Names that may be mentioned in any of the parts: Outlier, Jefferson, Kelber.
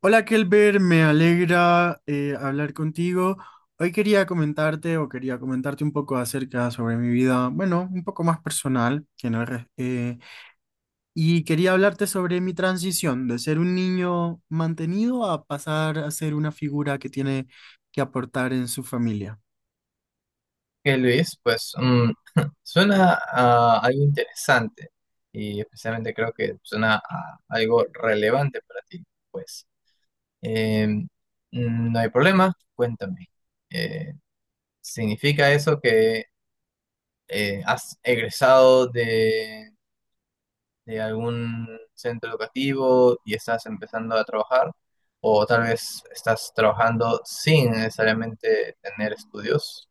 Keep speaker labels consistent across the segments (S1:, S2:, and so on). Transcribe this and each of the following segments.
S1: Hola Kelber, me alegra hablar contigo. Hoy quería comentarte un poco acerca sobre mi vida, bueno, un poco más personal, que no es res- y quería hablarte sobre mi transición de ser un niño mantenido a pasar a ser una figura que tiene que aportar en su familia.
S2: Que Luis, pues suena a algo interesante y especialmente creo que suena a algo relevante para ti. Pues Eh, mm, no hay problema, cuéntame. Eh, ¿Significa eso que has egresado de algún centro educativo y estás empezando a trabajar? O tal vez estás trabajando sin necesariamente tener estudios.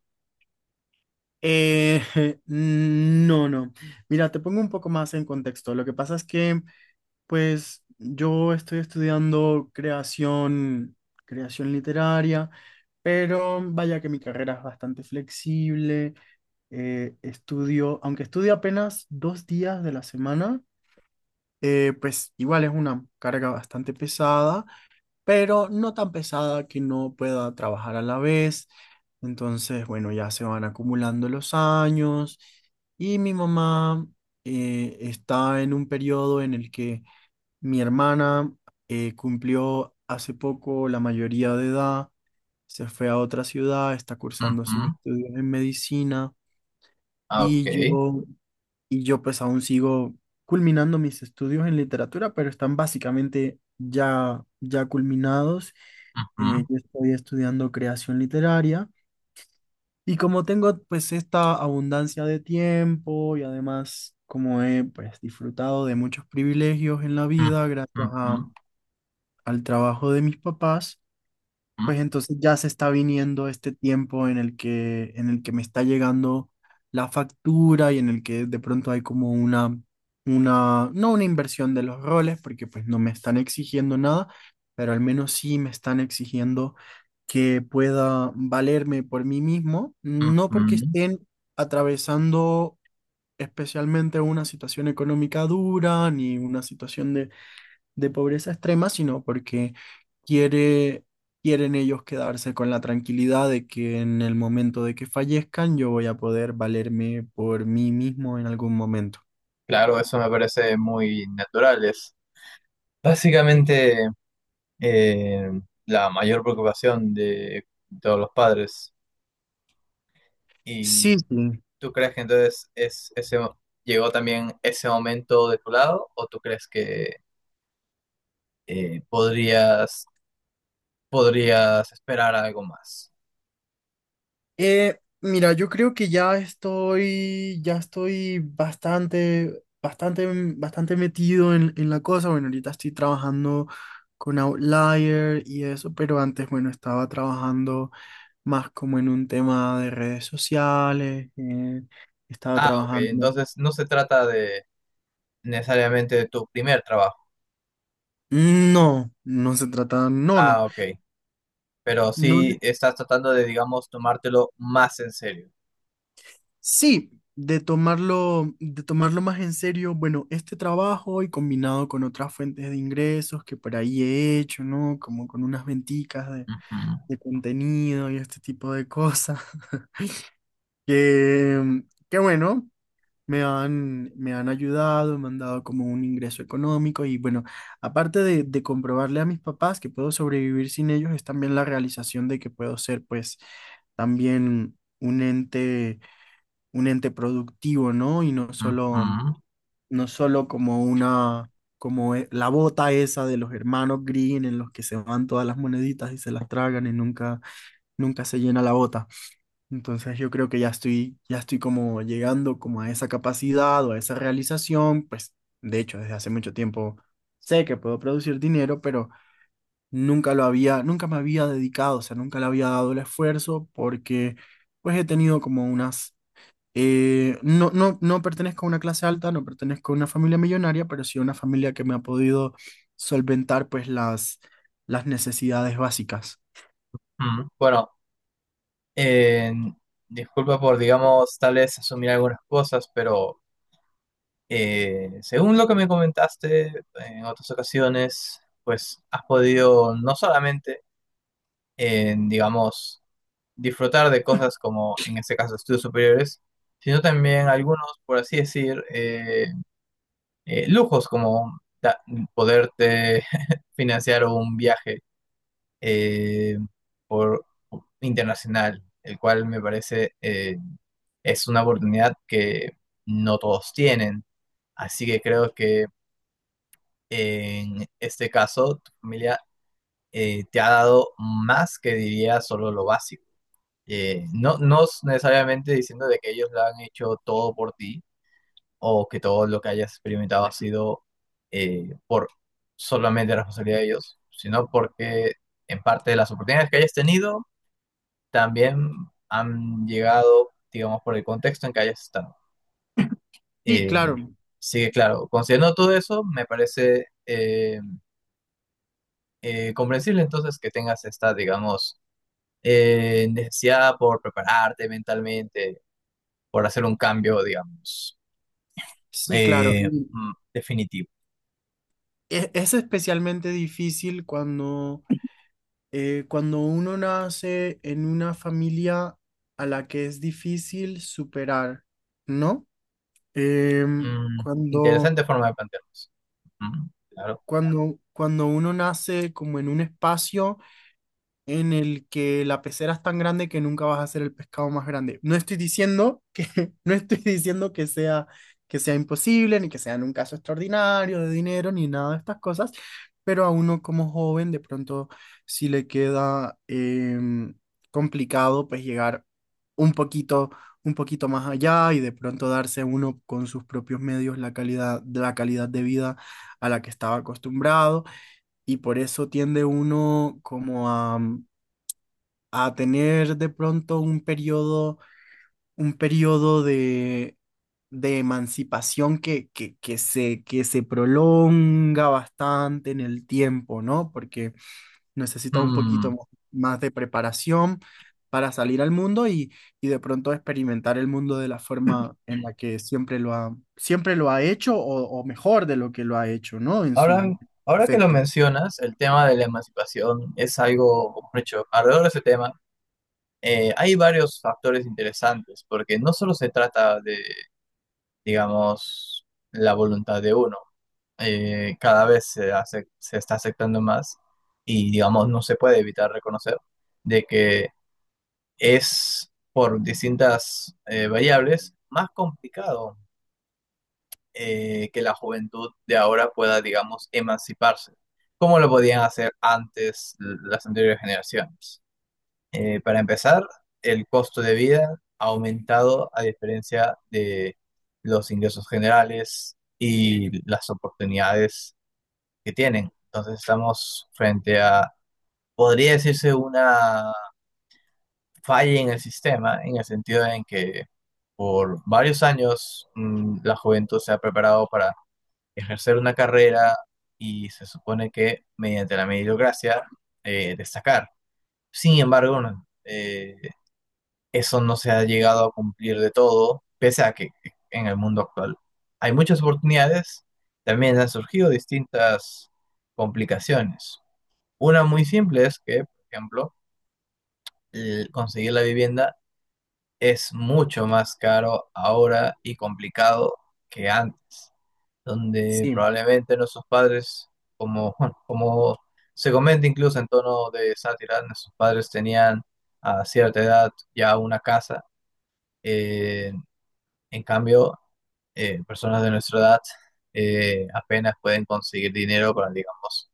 S1: Eh, no, no. Mira, te pongo un poco más en contexto. Lo que pasa es que, pues, yo estoy estudiando creación, creación literaria, pero vaya que mi carrera es bastante flexible. Aunque estudio apenas dos días de la semana, pues igual es una carga bastante pesada pero no tan pesada que no pueda trabajar a la vez. Entonces, bueno, ya se van acumulando los años y mi mamá está en un periodo en el que mi hermana cumplió hace poco la mayoría de edad, se fue a otra ciudad, está cursando
S2: Ujú,
S1: sus estudios en medicina
S2: ah, ok.
S1: y yo pues aún sigo culminando mis estudios en literatura, pero están básicamente ya culminados.
S2: Ujú.
S1: Yo estoy estudiando creación literaria y como tengo pues esta abundancia de tiempo y además como he pues disfrutado de muchos privilegios en la
S2: Mm,
S1: vida gracias
S2: mm,
S1: a-
S2: mm,
S1: al trabajo de mis papás, pues
S2: mm,
S1: entonces ya se está viniendo este tiempo en el que me está llegando la factura y en el que de pronto hay como una, no una inversión de los roles, porque pues no me están exigiendo nada, pero al menos sí me están exigiendo que pueda valerme por mí mismo,
S2: mm,
S1: no porque
S2: mm.
S1: estén atravesando especialmente una situación económica dura ni una situación de pobreza extrema, sino porque quiere, quieren ellos quedarse con la tranquilidad de que en el momento de que fallezcan yo voy a poder valerme por mí mismo en algún momento.
S2: Claro, eso me parece muy natural. Es básicamente, eh, la mayor preocupación de todos los padres.
S1: Sí,
S2: ¿Y
S1: sí.
S2: tú crees que entonces es ese llegó también ese momento de tu lado o tú crees que podrías podrías esperar algo más?
S1: Mira, yo creo que ya estoy bastante, bastante, bastante metido en la cosa. Bueno, ahorita estoy trabajando con Outlier y eso, pero antes, bueno, estaba trabajando más como en un tema de redes sociales, estaba
S2: Ah, ok.
S1: trabajando.
S2: Entonces no se trata de necesariamente de tu primer trabajo.
S1: No, no se trata, no, no,
S2: Ah, ok, pero
S1: no, ne-
S2: sí estás tratando de, digamos, tomártelo más en serio.
S1: sí, de tomarlo más en serio, bueno, este trabajo y combinado con otras fuentes de ingresos que por ahí he hecho, ¿no? Como con unas venticas
S2: Ujú,
S1: de contenido y este tipo de cosas, que, que bueno. Me han ayudado, me han dado como un ingreso económico y bueno, aparte de comprobarle a mis papás que puedo sobrevivir sin ellos, es también la realización de que puedo ser pues también un ente productivo, ¿no? Y no solo,
S2: ujú,
S1: no solo como una, como e- la bota esa de los hermanos Green en los que se van todas las moneditas y se las tragan y nunca, nunca se llena la bota. Entonces yo creo que ya estoy como llegando como a esa capacidad o a esa realización, pues de hecho desde hace mucho tiempo sé que puedo producir dinero, pero nunca me había dedicado, o sea, nunca le había dado el esfuerzo porque pues he tenido como unas, no pertenezco a una clase alta, no pertenezco a una familia millonaria, pero sí a una familia que me ha podido solventar pues las necesidades básicas.
S2: ujú. Bueno, eh, disculpa por, digamos, tal vez asumir algunas cosas, pero según lo que me comentaste en otras ocasiones, pues has podido no solamente, digamos, disfrutar de cosas como en este caso estudios superiores, sino también algunos, por así decir, lujos como poderte financiar un viaje eh, por internacional, el cual me parece es una oportunidad que no todos tienen. Así que creo que en este caso tu familia te ha dado más que diría solo lo básico. No, no es necesariamente diciendo de que ellos lo han hecho todo por ti, o que todo lo que hayas experimentado ha sido, por solamente la responsabilidad de ellos, sino porque en parte de las oportunidades que hayas tenido también han llegado, digamos, por el contexto en que hayas estado.
S1: Y
S2: Eh,
S1: claro,
S2: sí, claro, considerando todo eso, me parece comprensible entonces que tengas esta, digamos, necesidad por prepararte mentalmente, por hacer un cambio, digamos,
S1: sí, claro.
S2: definitivo.
S1: Es especialmente difícil cuando uno nace en una familia a la que es difícil superar, ¿no? Em,
S2: Mm,
S1: cuando,
S2: Interesante forma de plantearnos. Claro.
S1: cuando uno nace como en un espacio en el que la pecera es tan grande que nunca vas a ser el pescado más grande. No estoy diciendo que sea imposible, ni que sea en un caso extraordinario de dinero, ni nada de estas cosas, pero a uno como joven, de pronto, si le queda complicado, pues llegar un poquito, un poquito más allá y de pronto darse uno con sus propios medios la calidad de vida a la que estaba acostumbrado y por eso tiende uno como a tener de pronto un periodo de emancipación que se prolonga bastante en el tiempo, ¿no? Porque necesita un poquito
S2: Mm,
S1: mo- más de preparación para salir al mundo y de pronto experimentar el mundo de la forma en la que siempre lo ha hecho o mejor de lo que lo ha hecho, ¿no? En
S2: Ahora,
S1: su
S2: ahora que lo
S1: efecto.
S2: mencionas, el tema de la emancipación es algo, por hecho, alrededor de ese tema hay varios factores interesantes, porque no solo se trata de, digamos, la voluntad de uno, cada vez se hace, se está aceptando más y, digamos, no se puede evitar reconocer de que es por distintas variables más complicado, que la juventud de ahora pueda, digamos, emanciparse, como lo podían hacer antes las anteriores generaciones. Para empezar, el costo de vida ha aumentado a diferencia de los ingresos generales y las oportunidades que tienen. Entonces estamos frente a, podría decirse, una falla en el sistema, en el sentido en que por varios años la juventud se ha preparado para ejercer una carrera y se supone que mediante la meritocracia destacar. Sin embargo, no, eso no se ha llegado a cumplir de todo, pese a que en el mundo actual hay muchas oportunidades, también han surgido distintas complicaciones. Una muy simple es que, por ejemplo, el conseguir la vivienda es mucho más caro ahora y complicado que antes, donde
S1: Sí,
S2: probablemente nuestros padres, como, como se comenta incluso en tono de sátira, nuestros padres tenían a cierta edad ya una casa. eh, en cambio, personas de nuestra edad apenas pueden conseguir dinero para, digamos,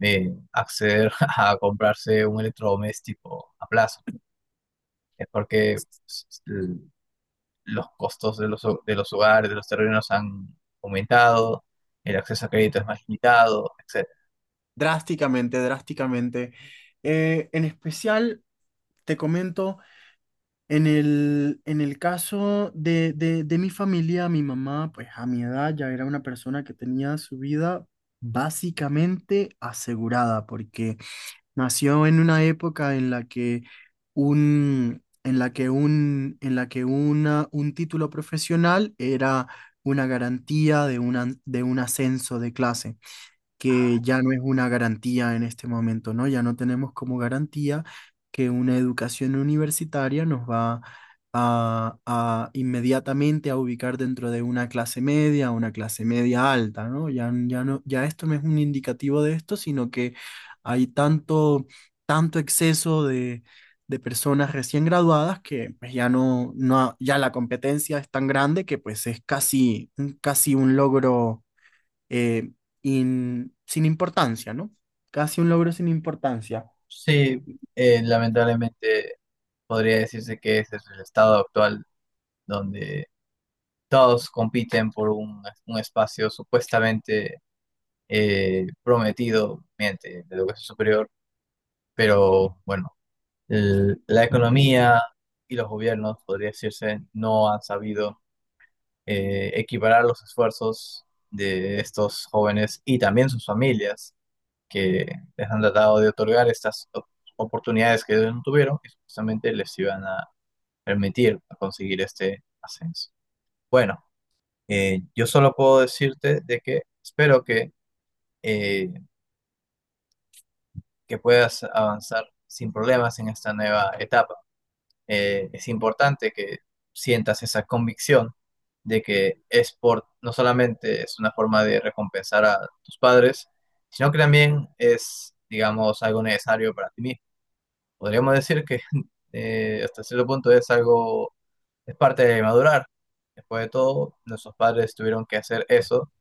S2: acceder a comprarse un electrodoméstico a plazo, es porque s- s- los costos de los, de los hogares, de los terrenos han aumentado, el acceso a crédito es más limitado, etc.
S1: drásticamente, drásticamente. En especial, te comento... en el caso de mi familia, mi mamá, pues a mi edad ya era una persona que tenía su vida básicamente asegurada, porque nació en una época en la que un, en la que un, en la que una, un título profesional era una garantía de una, de un ascenso de clase que ya no es una garantía en este momento, ¿no? Ya no tenemos como garantía que una educación universitaria nos va a inmediatamente a ubicar dentro de una clase media alta, ¿no? Ya no, ya esto no es un indicativo de esto, sino que hay tanto, tanto exceso de personas recién graduadas que pues, ya no, no, ya la competencia es tan grande que pues es casi, casi un logro eh, sin importancia, ¿no? Casi un logro sin importancia.
S2: Sí, lamentablemente podría decirse que ese es el estado actual donde todos compiten por un espacio supuestamente prometido mediante la educación superior, pero bueno, la economía y los gobiernos, podría decirse, no han sabido equiparar los esfuerzos de estos jóvenes y también sus familias, que les han tratado de otorgar estas oportunidades que ellos no tuvieron y supuestamente les iban a permitir conseguir este ascenso. Bueno, yo solo puedo decirte de que espero eh, que puedas avanzar sin problemas en esta nueva etapa. Es importante que sientas esa convicción de que es por, no solamente es una forma de recompensar a tus padres, sino que también es, digamos, algo necesario para ti mismo. Podríamos decir que hasta cierto punto es algo, es parte de madurar. Después de todo, nuestros padres tuvieron que hacer eso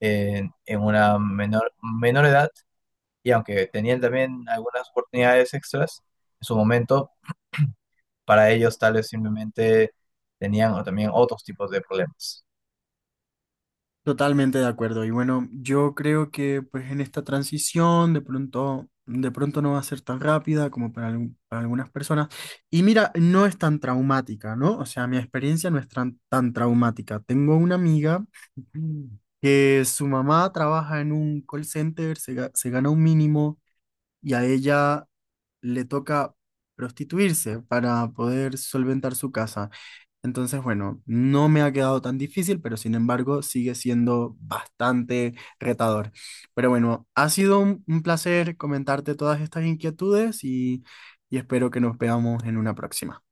S2: en una menor, menor edad, y aunque tenían también algunas oportunidades extras, en su momento, para ellos tal vez simplemente tenían o también otros tipos de problemas.
S1: Totalmente de acuerdo. Y bueno, yo creo que pues en esta transición de pronto no va a ser tan rápida como para algunas personas. Y mira, no es tan traumática, ¿no? O sea, mi experiencia no es tan, tan traumática. Tengo una amiga que su mamá trabaja en un call center, se gana un mínimo. Y a ella le toca prostituirse para poder solventar su casa. Entonces, bueno, no me ha quedado tan difícil, pero sin embargo sigue siendo bastante retador. Pero bueno, ha sido un placer comentarte todas estas inquietudes y espero que nos veamos en una próxima.